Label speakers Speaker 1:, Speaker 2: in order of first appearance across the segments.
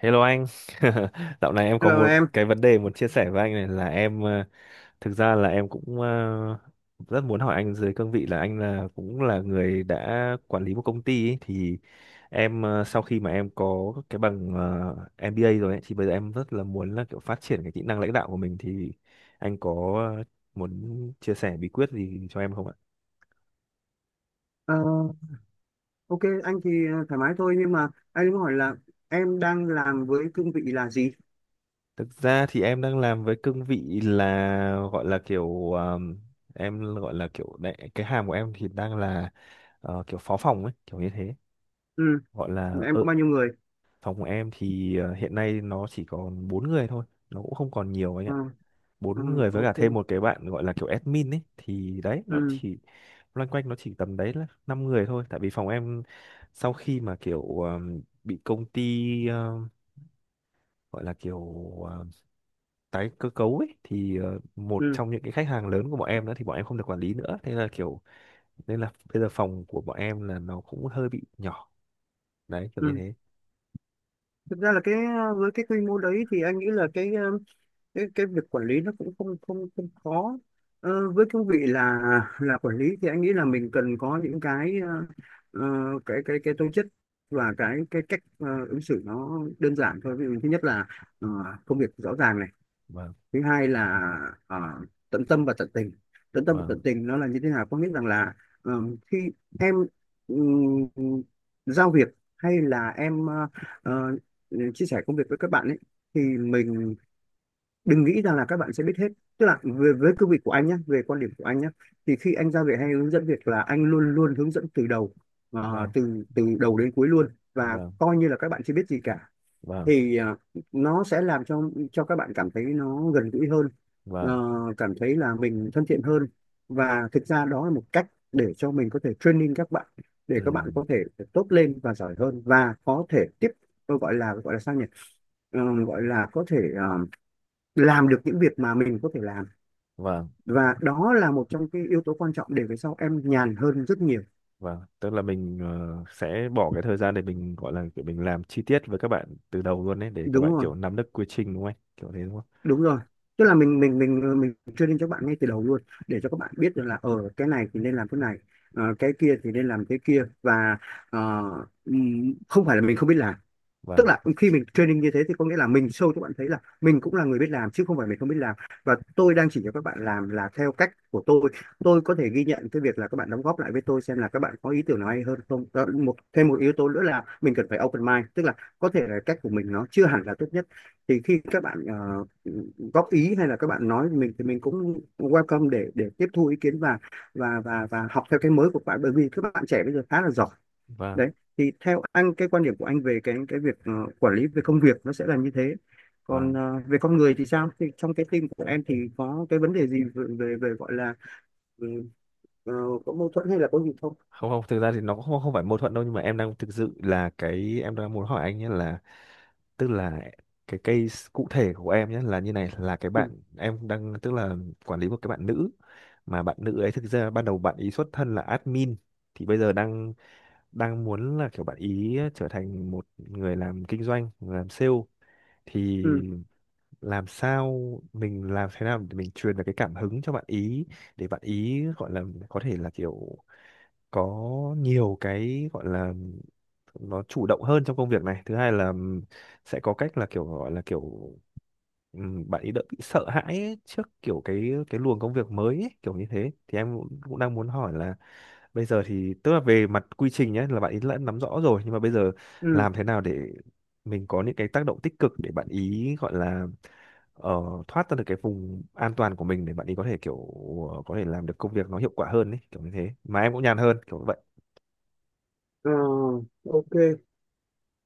Speaker 1: Hello anh, dạo này em có
Speaker 2: Hello
Speaker 1: một
Speaker 2: em.
Speaker 1: cái vấn đề muốn chia sẻ với anh này là thực ra là em cũng rất muốn hỏi anh dưới cương vị là anh là cũng là người đã quản lý một công ty ấy, thì em sau khi mà em có cái bằng MBA rồi ấy, thì bây giờ em rất là muốn là kiểu phát triển cái kỹ năng lãnh đạo của mình thì anh có muốn chia sẻ bí quyết gì cho em không ạ?
Speaker 2: Ờ, ok anh thì thoải mái thôi, nhưng mà anh muốn hỏi là em đang làm với cương vị là gì?
Speaker 1: Thực ra thì em đang làm với cương vị là gọi là kiểu, em gọi là kiểu đại, cái hàm của em thì đang là kiểu phó phòng ấy, kiểu như thế.
Speaker 2: Ừ,
Speaker 1: Gọi là
Speaker 2: em
Speaker 1: ở
Speaker 2: có bao nhiêu người?
Speaker 1: phòng của em thì hiện nay nó chỉ còn bốn người thôi, nó cũng không còn nhiều anh ạ.
Speaker 2: Ờ, ờ,
Speaker 1: Bốn người với cả
Speaker 2: ok,
Speaker 1: thêm một cái bạn gọi là kiểu admin ấy thì đấy nó
Speaker 2: ừ,
Speaker 1: chỉ loanh quanh nó chỉ tầm đấy là năm người thôi tại vì phòng em sau khi mà kiểu, bị công ty, gọi là kiểu ờ, tái cơ cấu ấy thì một
Speaker 2: ừ,
Speaker 1: trong những cái khách hàng lớn của bọn em nữa thì bọn em không được quản lý nữa thế là kiểu nên là bây giờ phòng của bọn em là nó cũng hơi bị nhỏ đấy kiểu như
Speaker 2: ừ.
Speaker 1: thế.
Speaker 2: Thực ra là với cái quy mô đấy thì anh nghĩ là cái việc quản lý nó cũng không không không khó. Ờ, với cương vị là quản lý thì anh nghĩ là mình cần có những ờ, cái tố chất và cái cách ứng xử nó đơn giản thôi. Ví dụ thứ nhất là ờ, công việc rõ ràng này,
Speaker 1: Vâng.
Speaker 2: thứ hai là ờ, tận tâm và tận tình. Tận tâm và
Speaker 1: Vâng.
Speaker 2: tận tình nó là như thế nào, có nghĩa rằng là ờ, khi em ừm, giao việc hay là em ờ, chia sẻ công việc với các bạn ấy, thì mình đừng nghĩ rằng là các bạn sẽ biết hết. Tức là về với cương vị của anh nhé, về quan điểm của anh nhé, thì khi anh giao việc hay hướng dẫn việc là anh luôn luôn hướng dẫn từ đầu,
Speaker 1: Vâng.
Speaker 2: từ từ đầu đến cuối luôn, và
Speaker 1: Vâng.
Speaker 2: coi như là các bạn chưa biết gì cả.
Speaker 1: Vâng.
Speaker 2: Thì nó sẽ làm cho các bạn cảm thấy nó gần gũi hơn,
Speaker 1: Vâng.
Speaker 2: ờ, cảm thấy là mình thân thiện hơn, và thực ra đó là một cách để cho mình có thể training các bạn, để
Speaker 1: Ừ.
Speaker 2: các bạn có thể tốt lên và giỏi hơn, và có thể tiếp, tôi gọi là sao nhỉ, Ờ, gọi là có thể làm được những việc mà mình có thể làm.
Speaker 1: Vâng.
Speaker 2: Và đó là một trong cái yếu tố quan trọng để về sau em nhàn hơn rất nhiều.
Speaker 1: Vâng tức là mình sẽ bỏ cái thời gian để mình gọi là kiểu mình làm chi tiết với các bạn từ đầu luôn đấy để các
Speaker 2: Đúng
Speaker 1: bạn
Speaker 2: rồi,
Speaker 1: kiểu nắm được quy trình đúng không anh kiểu thế đúng không?
Speaker 2: đúng rồi, tức là mình training cho các bạn ngay từ đầu luôn, để cho các bạn biết được là ở cái này thì nên làm cái này, cái kia thì nên làm cái kia, và ờ, không phải là mình không biết làm. Tức
Speaker 1: Vâng.
Speaker 2: là khi mình training như thế thì có nghĩa là mình show cho bạn thấy là mình cũng là người biết làm, chứ không phải mình không biết làm, và tôi đang chỉ cho các bạn làm là theo cách của tôi. Tôi có thể ghi nhận cái việc là các bạn đóng góp lại với tôi, xem là các bạn có ý tưởng nào hay hơn không. Đó, một thêm một yếu tố nữa là mình cần phải open mind, tức là có thể là cách của mình nó chưa hẳn là tốt nhất, thì khi các bạn góp ý hay là các bạn nói mình, thì mình cũng welcome để tiếp thu ý kiến, và và học theo cái mới của các bạn, bởi vì các bạn trẻ bây giờ khá là giỏi.
Speaker 1: Vâng.
Speaker 2: Đấy, thì theo anh, cái quan điểm của anh về cái việc quản lý về công việc nó sẽ là như thế. Còn
Speaker 1: Vâng.
Speaker 2: về con người thì sao, thì trong cái team của em thì có cái vấn đề gì về về gọi là, ừ, ờ, có mâu thuẫn hay là có gì không?
Speaker 1: Không, không, thực ra thì nó cũng không, không phải mâu thuẫn đâu nhưng mà em đang thực sự là cái em đang muốn hỏi anh nhé là tức là cái case cụ thể của em nhé là như này là cái
Speaker 2: ừ
Speaker 1: bạn em đang tức là quản lý một cái bạn nữ mà bạn nữ ấy thực ra ban đầu bạn ý xuất thân là admin thì bây giờ đang đang muốn là kiểu bạn ý trở thành một người làm kinh doanh người làm sale thì
Speaker 2: ừ
Speaker 1: làm sao mình làm thế nào để mình truyền được cái cảm hứng cho bạn ý để bạn ý gọi là có thể là kiểu có nhiều cái gọi là nó chủ động hơn trong công việc này thứ hai là sẽ có cách là kiểu gọi là kiểu, bạn ấy đỡ bị sợ hãi ấy, trước kiểu cái luồng công việc mới ấy, kiểu như thế thì em cũng, cũng đang muốn hỏi là bây giờ thì tức là về mặt quy trình nhé là bạn ấy đã nắm rõ rồi nhưng mà bây giờ
Speaker 2: ừ
Speaker 1: làm thế nào để mình có những cái tác động tích cực để bạn ý gọi là ờ, thoát ra được cái vùng an toàn của mình để bạn ý có thể kiểu, có thể làm được công việc nó hiệu quả hơn ấy kiểu như thế mà em cũng nhàn hơn kiểu như
Speaker 2: Ờ, ok.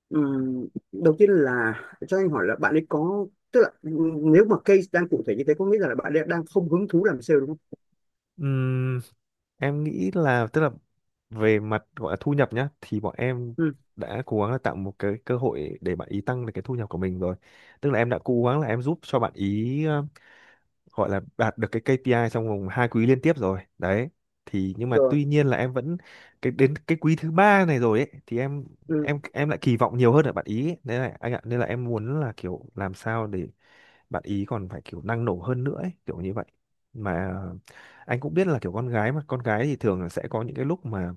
Speaker 2: Ừ, đầu tiên là cho anh hỏi là bạn ấy có, tức là nếu mà case đang cụ thể như thế có nghĩa là bạn ấy đang không hứng thú làm sale, đúng không?
Speaker 1: vậy. Em nghĩ là tức là về mặt gọi là thu nhập nhá thì bọn em
Speaker 2: ừ
Speaker 1: đã cố gắng là tạo một cái cơ hội để bạn ý tăng được cái thu nhập của mình rồi tức là em đã cố gắng là em giúp cho bạn ý gọi là đạt được cái KPI trong vòng hai quý liên tiếp rồi đấy thì nhưng mà
Speaker 2: Rồi.
Speaker 1: tuy nhiên là em vẫn cái đến cái quý thứ ba này rồi ấy thì em
Speaker 2: ừ
Speaker 1: em em lại kỳ vọng nhiều hơn ở bạn ý ấy. Nên là anh ạ nên là em muốn là kiểu làm sao để bạn ý còn phải kiểu năng nổ hơn nữa ấy, kiểu như vậy mà anh cũng biết là kiểu con gái mà con gái thì thường là sẽ có những cái lúc mà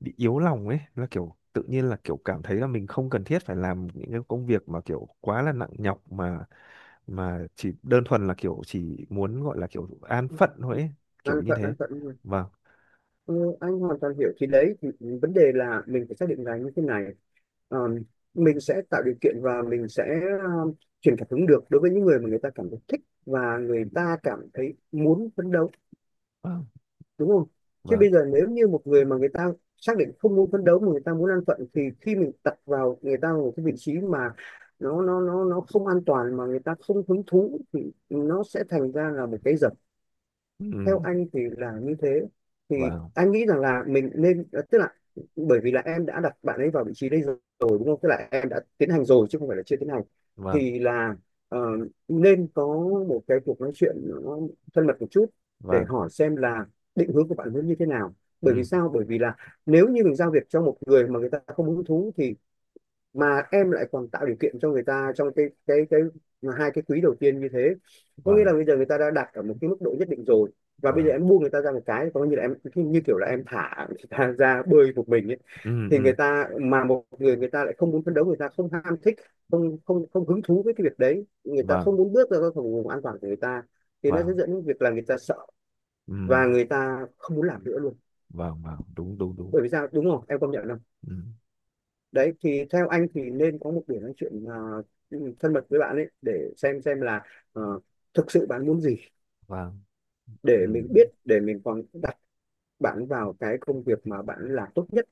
Speaker 1: bị yếu lòng ấy là kiểu tự nhiên là kiểu cảm thấy là mình không cần thiết phải làm những cái công việc mà kiểu quá là nặng nhọc mà chỉ đơn thuần là kiểu chỉ muốn gọi là kiểu an phận thôi ấy,
Speaker 2: Đang
Speaker 1: kiểu như
Speaker 2: thuận,
Speaker 1: thế.
Speaker 2: đang thuận.
Speaker 1: Vâng.
Speaker 2: Ừ, anh hoàn toàn hiểu. Thì đấy, thì vấn đề là mình phải xác định là như thế này. Ờm, mình sẽ tạo điều kiện và mình sẽ um, truyền cảm hứng được đối với những người mà người ta cảm thấy thích và người ta cảm thấy muốn phấn đấu,
Speaker 1: Vâng.
Speaker 2: đúng không? Chứ
Speaker 1: Vâng.
Speaker 2: bây giờ nếu như một người mà người ta xác định không muốn phấn đấu mà người ta muốn an phận, thì khi mình đặt vào người ta một cái vị trí mà nó không an toàn mà người ta không hứng thú, thì nó sẽ thành ra là một cái,
Speaker 1: Ừ.
Speaker 2: theo anh thì là như thế. Thì
Speaker 1: Vâng.
Speaker 2: anh nghĩ rằng là mình nên, tức là bởi vì là em đã đặt bạn ấy vào vị trí đây rồi, đúng không, tức là em đã tiến hành rồi chứ không phải là chưa tiến hành,
Speaker 1: Vâng.
Speaker 2: thì là ờ, nên có một cái cuộc nói chuyện nó thân mật một chút, để
Speaker 1: Vâng.
Speaker 2: hỏi xem là định hướng của bạn ấy như thế nào. Bởi vì
Speaker 1: Ừ.
Speaker 2: sao, bởi vì là nếu như mình giao việc cho một người mà người ta không hứng thú, thì mà em lại còn tạo điều kiện cho người ta trong cái mà hai cái quý đầu tiên như thế, có nghĩa
Speaker 1: Vâng.
Speaker 2: là bây giờ người ta đã đặt ở một cái mức độ nhất định rồi, và bây giờ
Speaker 1: Vâng.
Speaker 2: em buông người ta ra một cái, có như là em, như kiểu là em thả người ta ra bơi một mình ấy,
Speaker 1: Ừ.
Speaker 2: thì người
Speaker 1: Ừ.
Speaker 2: ta mà một người người ta lại không muốn phấn đấu, người ta không ham thích, không không không hứng thú với cái việc đấy, người ta
Speaker 1: Vâng.
Speaker 2: không muốn bước ra khỏi vùng an toàn của người ta, thì nó sẽ
Speaker 1: Vâng.
Speaker 2: dẫn đến việc là người ta sợ
Speaker 1: Ừ.
Speaker 2: và người ta không muốn làm nữa luôn.
Speaker 1: Vâng. Vâng đúng đúng đúng.
Speaker 2: Bởi vì sao, đúng không, em công nhận không?
Speaker 1: Ừ.
Speaker 2: Đấy, thì theo anh thì nên có một buổi nói chuyện thân mật với bạn ấy để xem là ờ, thực sự bạn muốn gì,
Speaker 1: Vâng.
Speaker 2: để
Speaker 1: Ừ.
Speaker 2: mình biết để mình còn đặt bạn vào cái công việc mà bạn làm tốt nhất.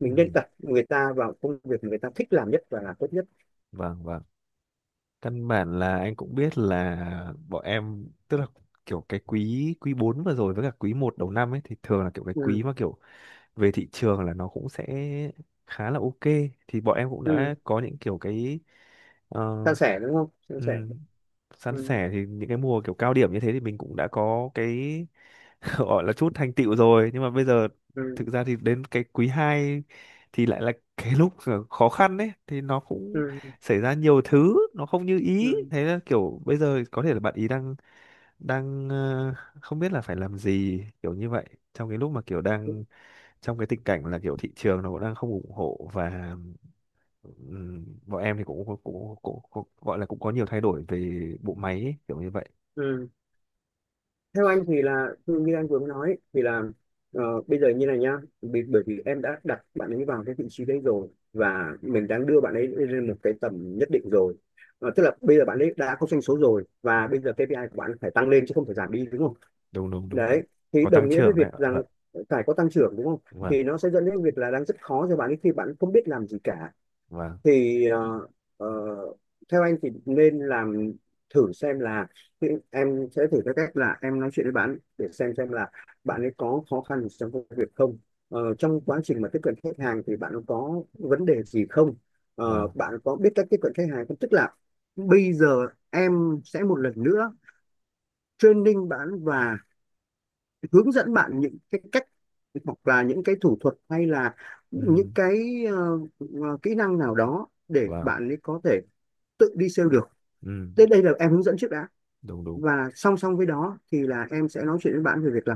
Speaker 2: Mình nên
Speaker 1: Ừ.
Speaker 2: đặt người ta vào công việc người ta thích làm nhất và làm tốt nhất.
Speaker 1: Vâng. Vâng căn bản là anh cũng biết là bọn em tức là kiểu cái quý quý 4 vừa rồi với cả quý một đầu năm ấy thì thường là kiểu cái
Speaker 2: ừ
Speaker 1: quý mà kiểu về thị trường là nó cũng sẽ khá là ok thì bọn em cũng
Speaker 2: ừ
Speaker 1: đã có những kiểu cái ờ,
Speaker 2: San sẻ, đúng không, san
Speaker 1: ừ,
Speaker 2: sẻ.
Speaker 1: san
Speaker 2: ừ
Speaker 1: sẻ thì những cái mùa kiểu cao điểm như thế thì mình cũng đã có cái gọi là chút thành tựu rồi nhưng mà bây giờ
Speaker 2: ừ
Speaker 1: thực ra thì đến cái quý 2 thì lại là cái lúc khó khăn đấy thì nó cũng
Speaker 2: ừ
Speaker 1: xảy ra nhiều thứ nó không như ý
Speaker 2: ừ
Speaker 1: thế là kiểu bây giờ có thể là bạn ý đang đang không biết là phải làm gì kiểu như vậy trong cái lúc mà kiểu
Speaker 2: ừ,
Speaker 1: đang trong cái tình cảnh là kiểu thị trường nó cũng đang không ủng hộ và bọn em thì cũng gọi là cũng có nhiều thay đổi về bộ máy ấy, kiểu như vậy.
Speaker 2: ừ. Theo anh thì là như anh vừa mới nói ấy, thì là ờ, bây giờ như này nhá. Bởi vì em đã đặt bạn ấy vào cái vị trí đấy rồi, và mình đang đưa bạn ấy lên một cái tầm nhất định rồi. Ờ, tức là bây giờ bạn ấy đã có doanh số rồi, và bây giờ KPI của bạn phải tăng lên chứ không phải giảm đi, đúng không?
Speaker 1: Đúng đúng đúng,
Speaker 2: Đấy,
Speaker 1: đúng.
Speaker 2: thì
Speaker 1: Có
Speaker 2: đồng
Speaker 1: tăng
Speaker 2: nghĩa với
Speaker 1: trưởng
Speaker 2: việc
Speaker 1: đấy ạ.
Speaker 2: rằng
Speaker 1: Vâng.
Speaker 2: phải có tăng trưởng, đúng không?
Speaker 1: Vâng.
Speaker 2: Thì nó sẽ dẫn đến việc là đang rất khó cho bạn ấy khi bạn không biết làm gì cả.
Speaker 1: Vâng.
Speaker 2: Thì ờ, theo anh thì nên làm, thử xem là, thì em sẽ thử theo cách là em nói chuyện với bạn để xem là bạn ấy có khó khăn gì trong công việc không. Ờ, trong quá trình mà tiếp cận khách hàng thì bạn có vấn đề gì không. Ờ,
Speaker 1: Vâng.
Speaker 2: bạn có biết cách tiếp cận khách hàng không, tức là bây giờ em sẽ một lần nữa training bạn và hướng dẫn bạn những cái cách, hoặc là những cái thủ thuật, hay là
Speaker 1: Ừ.
Speaker 2: những cái kỹ năng nào đó để
Speaker 1: Vâng.
Speaker 2: bạn ấy có thể tự đi sale được.
Speaker 1: Ừ.
Speaker 2: Đến đây là em hướng dẫn trước đã.
Speaker 1: Đúng đúng.
Speaker 2: Và song song với đó thì là em sẽ nói chuyện với bạn về việc là,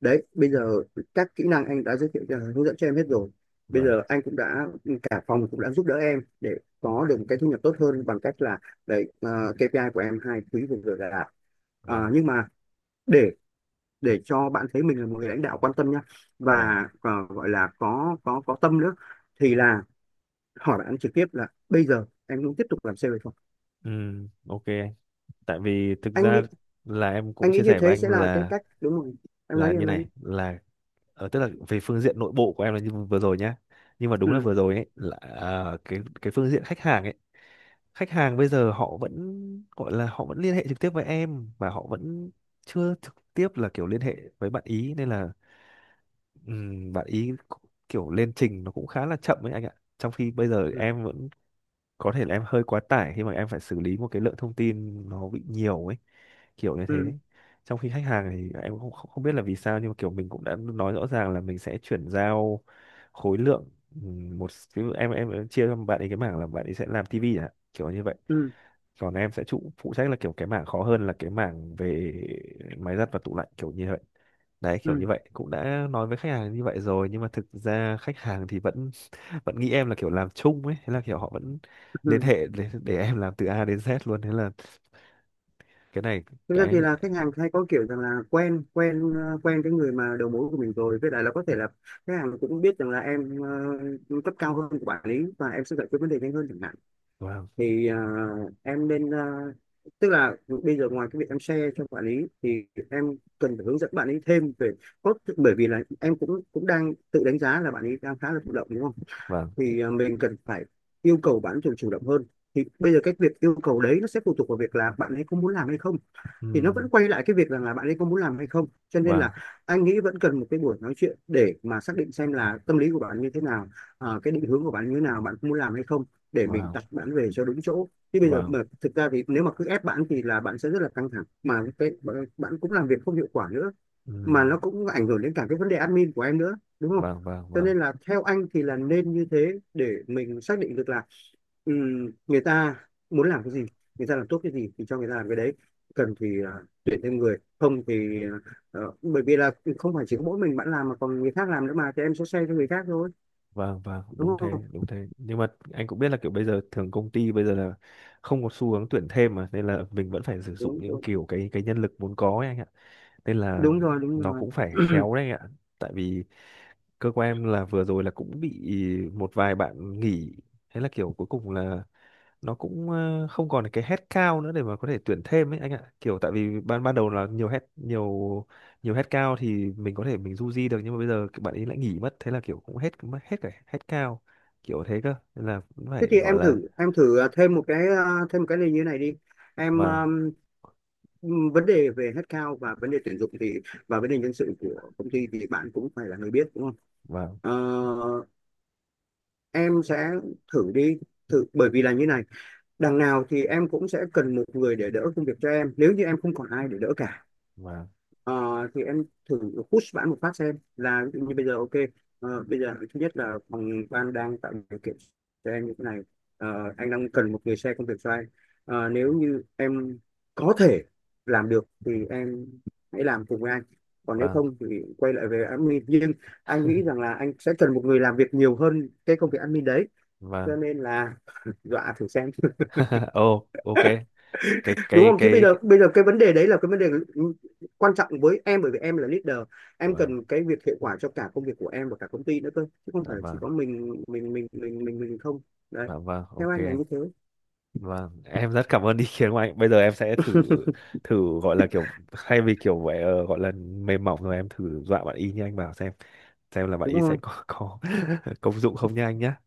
Speaker 2: đấy, bây giờ các kỹ năng anh đã giới thiệu cho, hướng dẫn cho em hết rồi, bây
Speaker 1: Vâng.
Speaker 2: giờ anh cũng đã, cả phòng cũng đã giúp đỡ em để có được một cái thu nhập tốt hơn bằng cách là, đấy, KPI của em hai quý vừa rồi là đạt. Ờ,
Speaker 1: Vâng.
Speaker 2: nhưng mà để để cho bạn thấy mình là một người lãnh đạo quan tâm nhá,
Speaker 1: Vâng.
Speaker 2: và gọi là có có tâm nữa, thì là hỏi bạn trực tiếp là bây giờ em muốn tiếp tục làm sale hay không.
Speaker 1: Ừ. Ok tại vì thực
Speaker 2: anh
Speaker 1: ra
Speaker 2: nghĩ
Speaker 1: là em cũng
Speaker 2: anh nghĩ
Speaker 1: chia
Speaker 2: như
Speaker 1: sẻ
Speaker 2: thế
Speaker 1: với anh
Speaker 2: sẽ là cái cách đúng rồi. Em nói
Speaker 1: là
Speaker 2: đi,
Speaker 1: như
Speaker 2: em nói đi.
Speaker 1: này là tức là về phương diện nội bộ của em là như vừa rồi nhá nhưng mà đúng là
Speaker 2: ừ
Speaker 1: vừa rồi ấy là cái phương diện khách hàng ấy khách hàng bây giờ họ vẫn gọi là họ vẫn liên hệ trực tiếp với em và họ vẫn chưa trực tiếp là kiểu liên hệ với bạn ý nên là bạn ý kiểu lên trình nó cũng khá là chậm ấy anh ạ trong khi bây giờ
Speaker 2: ừ
Speaker 1: em vẫn có thể là em hơi quá tải khi mà em phải xử lý một cái lượng thông tin nó bị nhiều ấy kiểu như
Speaker 2: ừ
Speaker 1: thế trong khi khách hàng thì em không không không biết là vì sao nhưng mà kiểu mình cũng đã nói rõ ràng là mình sẽ chuyển giao khối lượng một ví dụ em chia cho bạn ấy cái mảng là bạn ấy sẽ làm tivi à kiểu như vậy
Speaker 2: ừ
Speaker 1: còn em sẽ trụ phụ trách là kiểu cái mảng khó hơn là cái mảng về máy giặt và tủ lạnh kiểu như vậy đấy kiểu
Speaker 2: ừ
Speaker 1: như vậy cũng đã nói với khách hàng như vậy rồi nhưng mà thực ra khách hàng thì vẫn vẫn nghĩ em là kiểu làm chung ấy thế là kiểu họ vẫn liên
Speaker 2: ừ.
Speaker 1: hệ để em làm từ A đến Z luôn thế là cái này
Speaker 2: Thực ra
Speaker 1: cái
Speaker 2: thì
Speaker 1: này
Speaker 2: là khách hàng hay có kiểu rằng là quen quen quen cái người mà đầu mối của mình rồi, với lại là có thể là khách hàng cũng biết rằng là em cấp cao hơn của quản lý và em sẽ giải quyết vấn đề nhanh hơn chẳng hạn.
Speaker 1: Vâng.
Speaker 2: Thì em nên, tức là bây giờ ngoài cái việc em share cho quản lý thì em cần phải hướng dẫn bạn ấy thêm về cốt, bởi vì là em cũng cũng đang tự đánh giá là bạn ấy đang khá là thụ động, đúng không?
Speaker 1: Vâng.
Speaker 2: Thì mình cần phải yêu cầu bạn chủ chủ động hơn. Thì bây giờ cái việc yêu cầu đấy nó sẽ phụ thuộc vào việc là bạn ấy có muốn làm hay không, thì nó
Speaker 1: Ừm.
Speaker 2: vẫn quay lại cái việc rằng là bạn ấy có muốn làm hay không. Cho nên là
Speaker 1: Vâng.
Speaker 2: anh nghĩ vẫn cần một cái buổi nói chuyện để mà xác định xem là tâm lý của bạn như thế nào, cái định hướng của bạn như thế nào, bạn có muốn làm hay không, để mình
Speaker 1: Vâng.
Speaker 2: đặt bạn về cho đúng chỗ. Chứ bây giờ
Speaker 1: Vâng.
Speaker 2: mà thực ra thì nếu mà cứ ép bạn thì là bạn sẽ rất là căng thẳng, mà cái bạn cũng làm việc không hiệu quả nữa, mà
Speaker 1: Ừm.
Speaker 2: nó cũng ảnh hưởng đến cả cái vấn đề admin của em nữa, đúng không?
Speaker 1: Vâng. Vâng.
Speaker 2: Cho
Speaker 1: Vâng.
Speaker 2: nên là theo anh thì là nên như thế, để mình xác định được là người ta muốn làm cái gì, người ta làm tốt cái gì thì cho người ta làm cái đấy. Cần thì tuyển thêm người, không thì bởi vì là không phải chỉ có mỗi mình bạn làm mà còn người khác làm nữa, mà thì em sẽ say cho người khác thôi,
Speaker 1: Vâng. Vâng
Speaker 2: đúng không?
Speaker 1: đúng thế nhưng mà anh cũng biết là kiểu bây giờ thường công ty bây giờ là không có xu hướng tuyển thêm mà nên là mình vẫn phải sử dụng
Speaker 2: Đúng
Speaker 1: những
Speaker 2: đúng,
Speaker 1: kiểu cái nhân lực vốn có ấy anh ạ nên là
Speaker 2: Đúng rồi, đúng
Speaker 1: nó
Speaker 2: rồi.
Speaker 1: cũng phải khéo đấy anh ạ tại vì cơ quan em là vừa rồi là cũng bị một vài bạn nghỉ thế là kiểu cuối cùng là nó cũng không còn cái head cao nữa để mà có thể tuyển thêm ấy anh ạ kiểu tại vì ban ban đầu là nhiều head nhiều nhiều head cao thì mình có thể mình du di được nhưng mà bây giờ các bạn ấy lại nghỉ mất thế là kiểu cũng hết mất hết cả head cao kiểu thế cơ nên là cũng
Speaker 2: Thế
Speaker 1: phải
Speaker 2: thì
Speaker 1: gọi
Speaker 2: em
Speaker 1: là.
Speaker 2: thử, thêm một cái, thêm một cái này như thế này đi. Em,
Speaker 1: Vâng.
Speaker 2: vấn đề về headcount và vấn đề tuyển dụng thì và vấn đề nhân sự của công ty thì bạn cũng phải là người biết, đúng không?
Speaker 1: Vâng.
Speaker 2: Ờ, em sẽ thử đi, thử bởi vì là như này, đằng nào thì em cũng sẽ cần một người để đỡ công việc cho em nếu như em không còn ai để đỡ cả.
Speaker 1: Vâng.
Speaker 2: Ờ, thì em thử push bạn một phát xem. Là ví dụ như bây giờ ok, bây giờ thứ nhất là phòng ban đang tạo điều kiện cho em như thế này. Ờ, anh đang cần một người xe công việc cho anh. Ờ, nếu như em có thể làm được thì em hãy làm cùng với anh, còn nếu
Speaker 1: Vâng.
Speaker 2: không thì quay lại về admin, nhưng anh nghĩ rằng là anh sẽ cần một người làm việc nhiều hơn cái công việc admin đấy. Cho
Speaker 1: Vâng.
Speaker 2: nên là dọa thử xem,
Speaker 1: Ồ ok cái
Speaker 2: đúng
Speaker 1: cái
Speaker 2: không? Thế bây
Speaker 1: cái
Speaker 2: giờ bây giờ cái vấn đề đấy là cái vấn đề quan trọng với em, bởi vì em là leader, em
Speaker 1: Vâng.
Speaker 2: cần cái việc hiệu quả cho cả công việc của em và cả công ty nữa cơ, chứ không
Speaker 1: Dạ
Speaker 2: phải là chỉ
Speaker 1: vâng.
Speaker 2: có mình mình không. Đấy,
Speaker 1: Dạ vâng
Speaker 2: theo
Speaker 1: ok
Speaker 2: anh là
Speaker 1: anh.
Speaker 2: như thế.
Speaker 1: Vâng, em rất cảm ơn ý kiến của anh. Bây giờ em sẽ thử thử gọi là kiểu thay vì kiểu vậy, gọi là mềm mỏng rồi em thử dọa bạn y như anh bảo xem là bạn
Speaker 2: Đúng
Speaker 1: y sẽ
Speaker 2: không,
Speaker 1: có công dụng không nha anh nhá.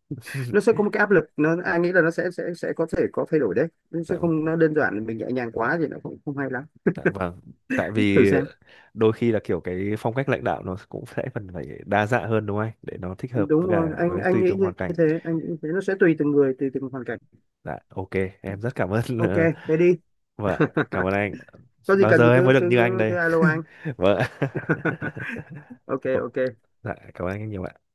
Speaker 2: nó sẽ có một cái áp lực nó, anh nghĩ là nó sẽ có thể có thay đổi đấy, nó
Speaker 1: Dạ,
Speaker 2: sẽ không, nó đơn giản, mình nhẹ nhàng quá thì nó cũng không hay lắm.
Speaker 1: dạ vâng. Tại
Speaker 2: Thử
Speaker 1: vì
Speaker 2: xem.
Speaker 1: đôi khi là kiểu cái phong cách lãnh đạo nó cũng sẽ phần phải đa dạng hơn đúng không anh? Để nó thích hợp
Speaker 2: Đúng
Speaker 1: với cả
Speaker 2: rồi, anh
Speaker 1: với
Speaker 2: anh
Speaker 1: tùy
Speaker 2: nghĩ
Speaker 1: từng
Speaker 2: như
Speaker 1: hoàn cảnh.
Speaker 2: thế, anh nghĩ như thế nó sẽ tùy từng người, tùy từng hoàn cảnh.
Speaker 1: Dạ, ok, em rất cảm ơn.
Speaker 2: Ok,
Speaker 1: Ờ,
Speaker 2: thế đi.
Speaker 1: Vâng, ạ, cảm ơn anh.
Speaker 2: Có gì
Speaker 1: Bao
Speaker 2: cần thì
Speaker 1: giờ em mới
Speaker 2: cứ
Speaker 1: được
Speaker 2: cứ
Speaker 1: như anh
Speaker 2: cứ, cứ
Speaker 1: đây?
Speaker 2: alo anh.
Speaker 1: Vâng. Ạ.
Speaker 2: Ok,
Speaker 1: Ồ,
Speaker 2: ok.
Speaker 1: dạ, cảm ơn anh nhiều ạ.